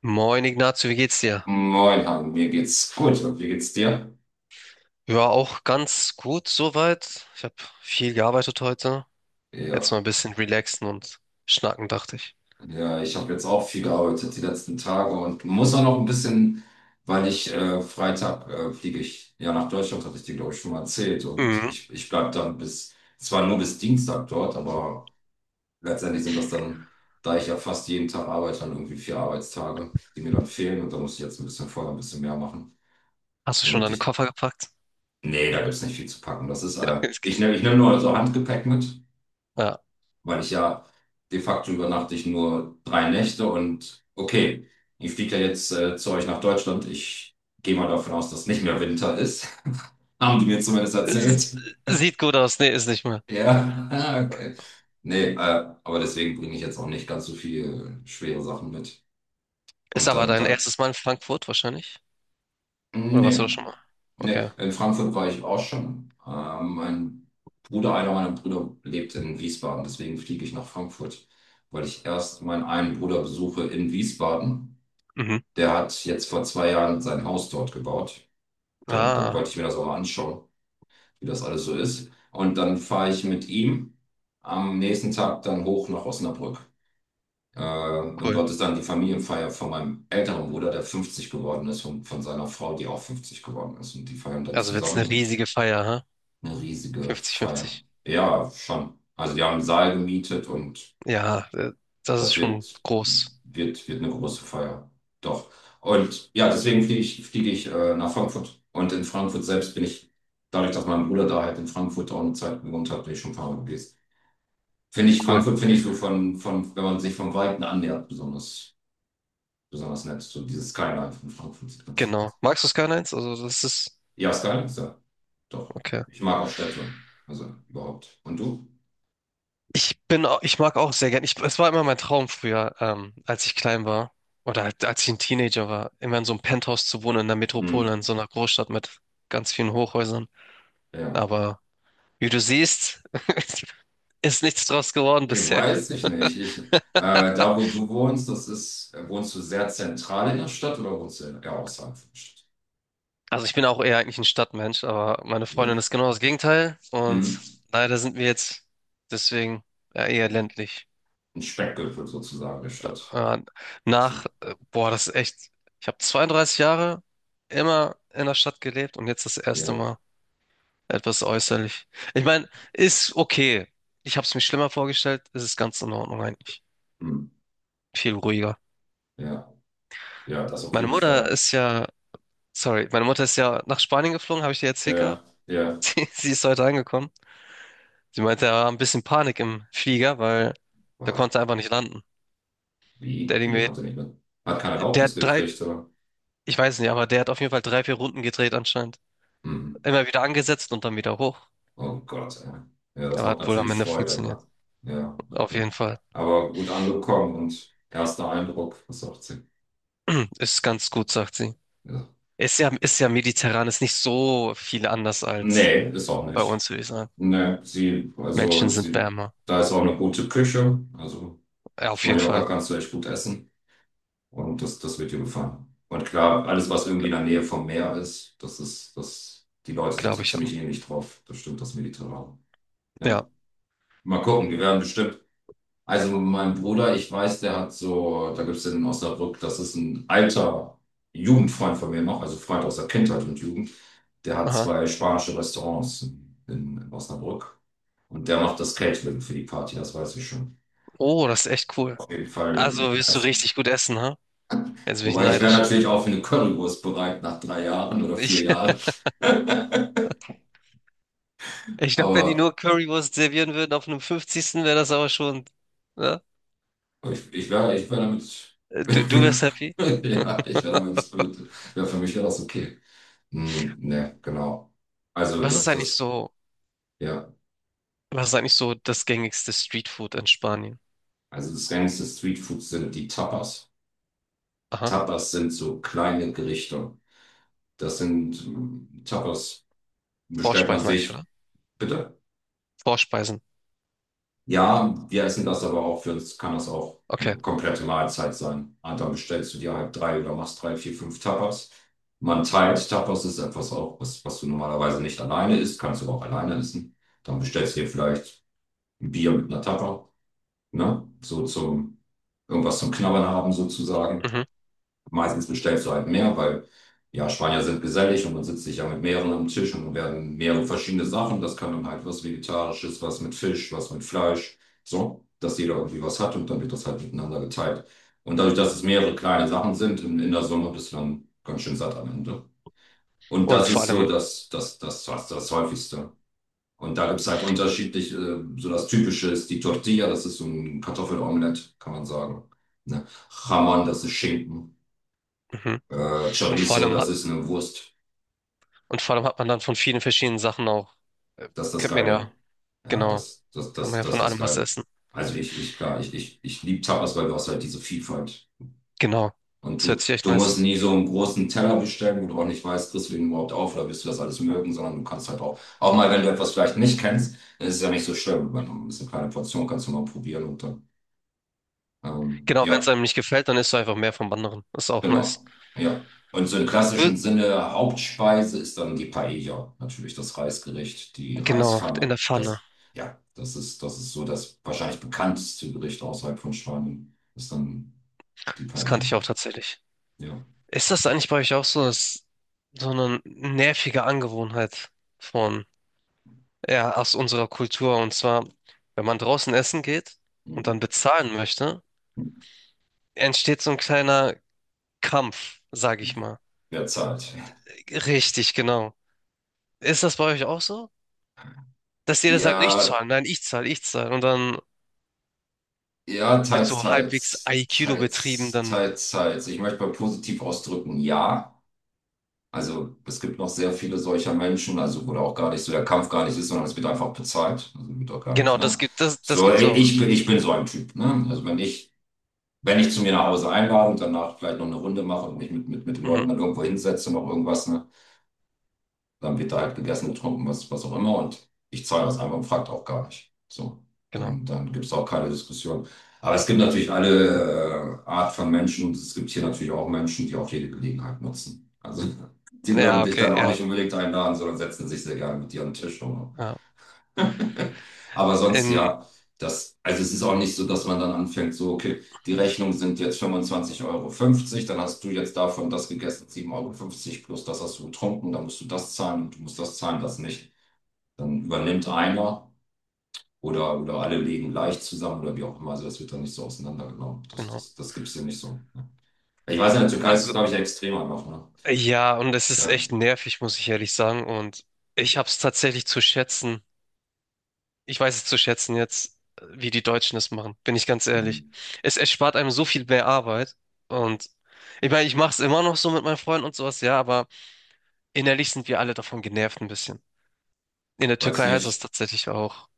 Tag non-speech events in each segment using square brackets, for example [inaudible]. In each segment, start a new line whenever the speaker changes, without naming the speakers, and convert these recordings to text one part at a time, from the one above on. Moin Ignazio, wie geht's dir?
Moin, Han, mir geht's gut und wie geht's dir?
Ja, auch ganz gut soweit. Ich habe viel gearbeitet heute. Jetzt
Ja,
mal ein bisschen relaxen und schnacken, dachte ich.
ja, ich habe jetzt auch viel gearbeitet die letzten Tage und muss auch noch ein bisschen, weil ich Freitag fliege ich ja nach Deutschland, hatte ich dir, glaube ich, schon mal erzählt und
Mhm.
ich bleibe dann bis, zwar nur bis Dienstag dort, aber letztendlich sind das dann, da ich ja fast jeden Tag arbeite, dann irgendwie 4 Arbeitstage, die mir dann fehlen und da muss ich jetzt ein bisschen vorher ein bisschen mehr machen,
Hast du schon
damit
deine
ich,
Koffer gepackt?
nee, da gibt's nicht viel zu packen. Das ist,
[laughs] Es
ich
geht-
nehme ich nehm nur so Handgepäck mit.
Ja.
Weil ich ja de facto übernachte ich nur 3 Nächte und okay, ich fliege ja jetzt zu euch nach Deutschland. Ich gehe mal davon aus, dass nicht mehr Winter ist. [laughs] Haben die mir zumindest
Es
erzählt.
Sieht gut aus. Nee, ist nicht mehr.
Ja, [laughs] ah, okay. Nee, aber deswegen bringe ich jetzt auch nicht ganz so viel schwere Sachen mit.
Ist
Und
aber
dann,
dein
dann
erstes Mal in Frankfurt wahrscheinlich? Oder warst du da
Nee,
schon mal?
nee.
Okay.
In Frankfurt war ich auch schon. Mein Bruder, einer meiner Brüder lebt in Wiesbaden, deswegen fliege ich nach Frankfurt, weil ich erst meinen einen Bruder besuche in Wiesbaden.
Mhm.
Der hat jetzt vor 2 Jahren sein Haus dort gebaut. Dann
Ah,
wollte ich mir das auch mal anschauen, wie das alles so ist. Und dann fahre ich mit ihm am nächsten Tag dann hoch nach Osnabrück. Und
cool.
dort ist dann die Familienfeier von meinem älteren Bruder, der 50 geworden ist, und von seiner Frau, die auch 50 geworden ist. Und die feiern dann
Also wird's eine
zusammen und
riesige Feier, ha?
eine riesige Feier.
50-50.
Ja, schon. Also die haben einen Saal gemietet und
Ja, das ist
das
schon
wird,
groß.
wird, wird eine große Feier. Doch. Und ja, deswegen fliege ich nach Frankfurt. Und in Frankfurt selbst bin ich, dadurch, dass mein Bruder da halt in Frankfurt auch eine Zeit gewohnt hat, bin ich schon ein paar Mal gewesen. Finde ich,
Cool.
Frankfurt finde ich so von, wenn man sich vom Weiten annähert, besonders nett. So dieses Skyline von Frankfurt sieht ganz.
Genau. Magst du Skylines? Also das ist.
Ja, Skyline ist ja, doch.
Okay.
Ich mag auch Städte. Also überhaupt. Und du?
Ich mag auch sehr gern. Ich, es war immer mein Traum früher, als ich klein war oder halt, als ich ein Teenager war, immer in so einem Penthouse zu wohnen in der Metropole,
Hm,
in so einer Großstadt mit ganz vielen Hochhäusern.
ja.
Aber wie du siehst, [laughs] ist nichts draus geworden
Ich
bisher.
weiß ich nicht. Ich, da, wo du wohnst, das ist, wohnst du sehr zentral in der Stadt oder wohnst du eher außerhalb von der Stadt?
Also ich bin auch eher eigentlich ein Stadtmensch, aber meine Freundin
Hier.
ist genau das Gegenteil und
Hm.
leider sind wir jetzt deswegen ja, eher ländlich.
Ein Speckgürtel sozusagen der Stadt.
Äh,
So,
boah, das ist echt. Ich habe 32 Jahre immer in der Stadt gelebt und jetzt das erste
ja.
Mal. Etwas äußerlich. Ich meine, ist okay. Ich habe es mir schlimmer vorgestellt. Es ist ganz in Ordnung eigentlich.
Hm.
Viel ruhiger.
Ja. Ja, das auf
Meine
jeden
Mutter
Fall.
ist ja, sorry, meine Mutter ist ja nach Spanien geflogen, habe ich dir erzählt
Ja,
gehabt. [laughs]
ja.
Sie ist heute angekommen. Sie meinte, er war ein bisschen Panik im Flieger, weil der
Weil,
konnte einfach nicht landen. Der,
wie?
Ding
Der
wird-
konnte nicht mit. Hat keine
der hat
Erlaubnis
drei,
gekriegt, oder?
ich weiß nicht, aber der hat auf jeden Fall drei, vier Runden gedreht anscheinend.
Hm.
Immer wieder angesetzt und dann wieder hoch.
Oh Gott, ey. Ja, das
Aber
macht
hat wohl am
natürlich
Ende
Freude,
funktioniert.
ne? Ja,
Auf
okay.
jeden Fall.
Aber gut angekommen und erster Eindruck, was sagt sie?
[clears throat] Ist ganz gut, sagt sie.
Ja.
Ist ja mediterran, ist nicht so viel anders als
Nee, ist auch
bei
nicht.
uns, würde ich sagen.
Nee, sie,
Menschen
also
sind
sie,
wärmer.
da ist auch eine gute Küche. Also
Ja,
auf
auf jeden
Mallorca
Fall.
kannst du echt gut essen und das wird dir gefallen. Und klar, alles, was irgendwie in
Gla-
der Nähe vom Meer ist, das, die Leute sind
glaube
so
ich auch.
ziemlich ähnlich drauf. Das stimmt, das Mediterrane. Ja.
Ja.
Mal gucken, wir werden bestimmt. Also mein Bruder, ich weiß, der hat so, da gibt es in Osnabrück, das ist ein alter Jugendfreund von mir noch, also Freund aus der Kindheit und Jugend, der hat
Aha.
zwei spanische Restaurants in Osnabrück. Und der macht das Catering für die Party, das weiß ich schon.
Oh, das ist echt cool.
Auf jeden Fall.
Also willst du richtig gut essen, ha? Jetzt bin ich
Wobei ich wäre
neidisch.
natürlich auch für eine Currywurst bereit nach drei Jahren oder vier
Ich,
Jahren. [laughs]
[laughs] ich glaube, wenn die
Aber
nur Currywurst servieren würden auf einem 50. wäre das aber schon. Ne?
ich wär damit.
Du wärst
[laughs]
happy.
Ja, ich wäre damit. Wär für mich wäre das okay. Hm, ne, genau. Also
Was
das,
ist eigentlich
das,
so,
ja,
was ist eigentlich so das gängigste Streetfood in Spanien?
also das reinste Streetfood sind die Tapas.
Aha.
Tapas sind so kleine Gerichte. Das sind Tapas, bestellt man
Vorspeisen eigentlich,
sich,
oder?
bitte.
Vorspeisen.
Ja, wir essen das aber auch, für uns kann das auch
Okay.
eine komplette Mahlzeit sein. Und dann bestellst du dir halt drei oder machst drei, vier, fünf Tapas. Man teilt, Tapas ist etwas auch, was du normalerweise nicht alleine isst, kannst du aber auch alleine essen. Dann bestellst du dir vielleicht ein Bier mit einer Tapa, ne? So zum irgendwas zum Knabbern haben sozusagen.
Mhm.
Meistens bestellst du halt mehr, weil ja, Spanier sind gesellig und man sitzt sich ja mit mehreren am Tisch und werden mehrere verschiedene Sachen. Das kann dann halt was Vegetarisches, was mit Fisch, was mit Fleisch, so, dass jeder irgendwie was hat und dann wird das halt miteinander geteilt. Und dadurch, dass es mehrere kleine Sachen sind, in der Summe bist du dann ganz schön satt am Ende. Und
Und
das
vor
ist so
allem,
das Häufigste. Und da gibt es halt unterschiedliche, so das Typische ist die Tortilla, das ist so ein Kartoffelomelett, kann man sagen. Ne? Jamón, das ist Schinken.
mhm. Und vor
Chorizo,
allem
das ist eine Wurst.
Und vor allem hat man dann von vielen verschiedenen Sachen auch, äh,
Das ist das
könnte man ja,
Geile. Ja,
genau,
das, das,
kann man
das,
ja
das
von
ist das
allem was
Geile.
essen.
Also ich, klar, ich liebe Tapas, weil du hast halt diese Vielfalt.
Genau,
Und
das
du,
hört sich echt
du
nice
musst
an.
nie so einen großen Teller bestellen, wo du auch nicht weißt, kriegst du den überhaupt auf oder wirst du das alles mögen, sondern du kannst halt auch mal, wenn du etwas vielleicht nicht kennst, dann ist es ja nicht so schlimm. Wenn du ein bisschen kleine Portion kannst du mal probieren und dann,
Genau, wenn es
ja.
einem nicht gefällt, dann isst du einfach mehr vom anderen. Ist auch
Genau,
nice.
ja. Und so im
Du,
klassischen Sinne Hauptspeise ist dann die Paella, natürlich das Reisgericht, die
genau, in
Reispfanne.
der Pfanne.
Das, ja, das ist so das wahrscheinlich bekannteste Gericht außerhalb von Spanien, ist dann die
Das kannte
Paella.
ich auch tatsächlich.
Ja,
Ist das eigentlich bei euch auch so, dass so eine nervige Angewohnheit von, ja, aus unserer Kultur? Und zwar, wenn man draußen essen geht und dann
mhm.
bezahlen möchte, entsteht so ein kleiner Kampf, sag ich mal.
Derzeit.
Richtig, genau. Ist das bei euch auch so? Dass jeder sagt, ich
Ja,
zahle, nein, ich zahle, ich zahle. Und dann
ja,
wird
teils,
so halbwegs
teils,
Aikido betrieben,
teils,
dann.
teils, teils. Ich möchte mal positiv ausdrücken, ja. Also es gibt noch sehr viele solcher Menschen, also wo da auch gar nicht so der Kampf gar nicht ist, sondern es wird einfach bezahlt. Also wird auch gar nicht, ne?
Das, das
So,
gibt's auch.
ich bin so ein Typ, ne? Also wenn ich zu mir nach Hause einlade und danach vielleicht noch eine Runde mache und mich mit den
Mhm,
Leuten dann irgendwo hinsetze, noch irgendwas, ne? Dann wird da halt gegessen, getrunken, was auch immer. Und ich zahle das einfach und fragt auch gar nicht. So,
genau.
dann gibt es auch keine Diskussion. Aber es gibt natürlich alle Art von Menschen und es gibt hier natürlich auch Menschen, die auch jede Gelegenheit nutzen. Also [laughs] die würden
Ja,
dich
okay,
dann auch
ja,
nicht unbedingt einladen, sondern setzen sich sehr gerne mit dir an den Tisch. Und
ja.
[laughs] Aber sonst
In,
ja, das, also es ist auch nicht so, dass man dann anfängt, so, okay, die Rechnung sind jetzt 25,50 € dann hast du jetzt davon das gegessen, 7,50 € plus das hast du getrunken, dann musst du das zahlen und du musst das zahlen, das nicht. Dann übernimmt einer oder alle legen leicht zusammen oder wie auch immer. Also das wird dann nicht so auseinandergenommen. Das,
genau.
das, das gibt es hier nicht so. Ne? Ich weiß, in der Türkei ist das,
Also,
glaube ich, extremer noch, ne?
ja, und es ist
Ja.
echt nervig, muss ich ehrlich sagen. Und ich hab's tatsächlich zu schätzen. Ich weiß es zu schätzen jetzt, wie die Deutschen es machen, bin ich ganz ehrlich.
Mhm.
Es erspart einem so viel mehr Arbeit. Und ich meine, ich mach's immer noch so mit meinen Freunden und sowas, ja, aber innerlich sind wir alle davon genervt ein bisschen. In der
Weiß
Türkei heißt das
nicht.
tatsächlich auch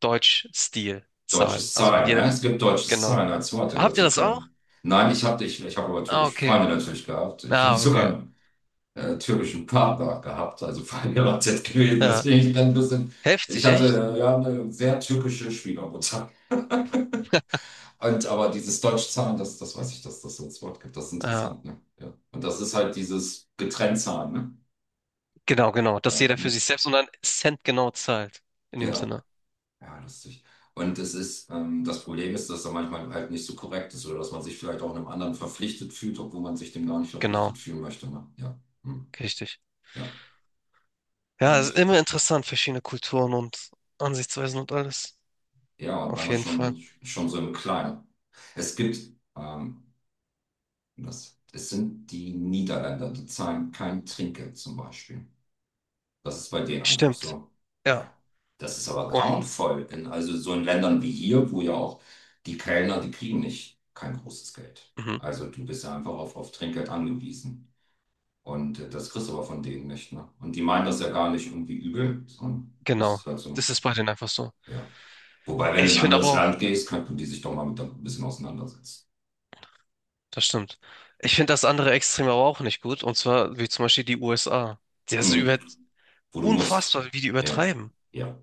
Deutsch-Stil-Zahlen.
Deutsches
Also wenn
Zahlen, ne?
jeder,
Es gibt deutsches
genau.
Zahlen als Wort in der
Habt ihr das
Türkei.
auch?
Nein, ich hab aber
Ah,
türkische
okay.
Freunde natürlich gehabt. Ich habe
Ah,
sogar
okay.
einen türkischen Partner gehabt, also verheiratet gewesen.
Ja.
Deswegen ich bin ein bisschen, ich
Heftig, echt?
hatte ja eine sehr türkische Schwiegermutter. Und aber dieses deutsche Zahlen, das weiß ich, dass das so als Wort gibt. Das ist
Ja,
interessant, ne? Ja. Und das ist halt dieses getrennt Zahlen, ne?
genau, genau. Dass
Ja,
jeder für
hm.
sich selbst und dann Cent genau zahlt. In dem
Ja.
Sinne.
Ja, lustig. Und es ist, das Problem ist, dass er manchmal halt nicht so korrekt ist oder dass man sich vielleicht auch einem anderen verpflichtet fühlt, obwohl man sich dem gar nicht verpflichtet
Genau,
fühlen möchte. Ne? Ja, hm.
richtig.
Ja,
Ja,
kann
es ist
ich.
immer interessant, verschiedene Kulturen und Ansichtsweisen und alles.
Ja, weil
Auf
man
jeden Fall.
schon so im Kleinen. Es gibt, ähm, das, es sind die Niederländer, die zahlen kein Trinkgeld zum Beispiel. Das ist bei denen einfach
Stimmt.
so.
Ja.
Ja, das ist aber
Und
grauenvoll. In Also so in Ländern wie hier, wo ja auch die Kellner, die kriegen nicht kein großes Geld.
mhm,
Also du bist ja einfach auf Trinkgeld angewiesen. Und das kriegst du aber von denen nicht. Ne? Und die meinen das ja gar nicht irgendwie übel, sondern das
genau.
ist halt so.
Das ist bei denen einfach so.
Ja. Wobei, wenn du in
Ich
ein
finde aber
anderes
auch,
Land gehst, könnten die sich doch mal mit ein bisschen auseinandersetzen.
das stimmt. Ich finde das andere Extrem aber auch nicht gut. Und zwar wie zum Beispiel die USA. Das ist
Mhm.
über
Wo du musst.
unfassbar, wie die
Ja.
übertreiben.
Ja.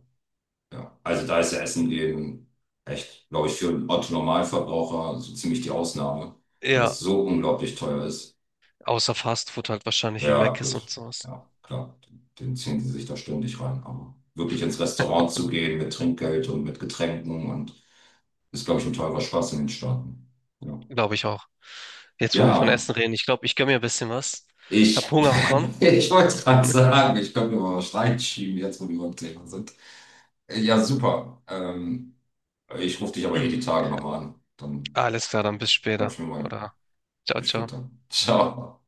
Ja. Also da ist ja Essen eben echt, glaube ich, für einen Otto-Normalverbraucher so ziemlich die Ausnahme, weil das
Ja,
so unglaublich teuer ist.
außer Fast Food halt wahrscheinlich wie
Ja,
Mc's und
gut.
sowas.
Ja, klar. Den ziehen sie sich da ständig rein. Aber wirklich ins Restaurant zu gehen mit Trinkgeld und mit Getränken und ist, glaube ich, ein teurer Spaß in den Staaten. Ja.
Glaube ich auch. Jetzt, wo wir von
Ja,
Essen reden, ich glaube, ich gönne mir ein bisschen was. Hab
ich,
Hunger bekommen.
[laughs] ich wollte gerade sagen, ich könnte mir mal was reinschieben, jetzt wo wir beim Thema sind. Ja, super. Ich rufe dich aber eh die
[clears throat]
Tage nochmal an. Dann
Alles klar, dann bis später.
quatschen wir mal.
Oder ciao,
Bis
ciao.
später. Ciao.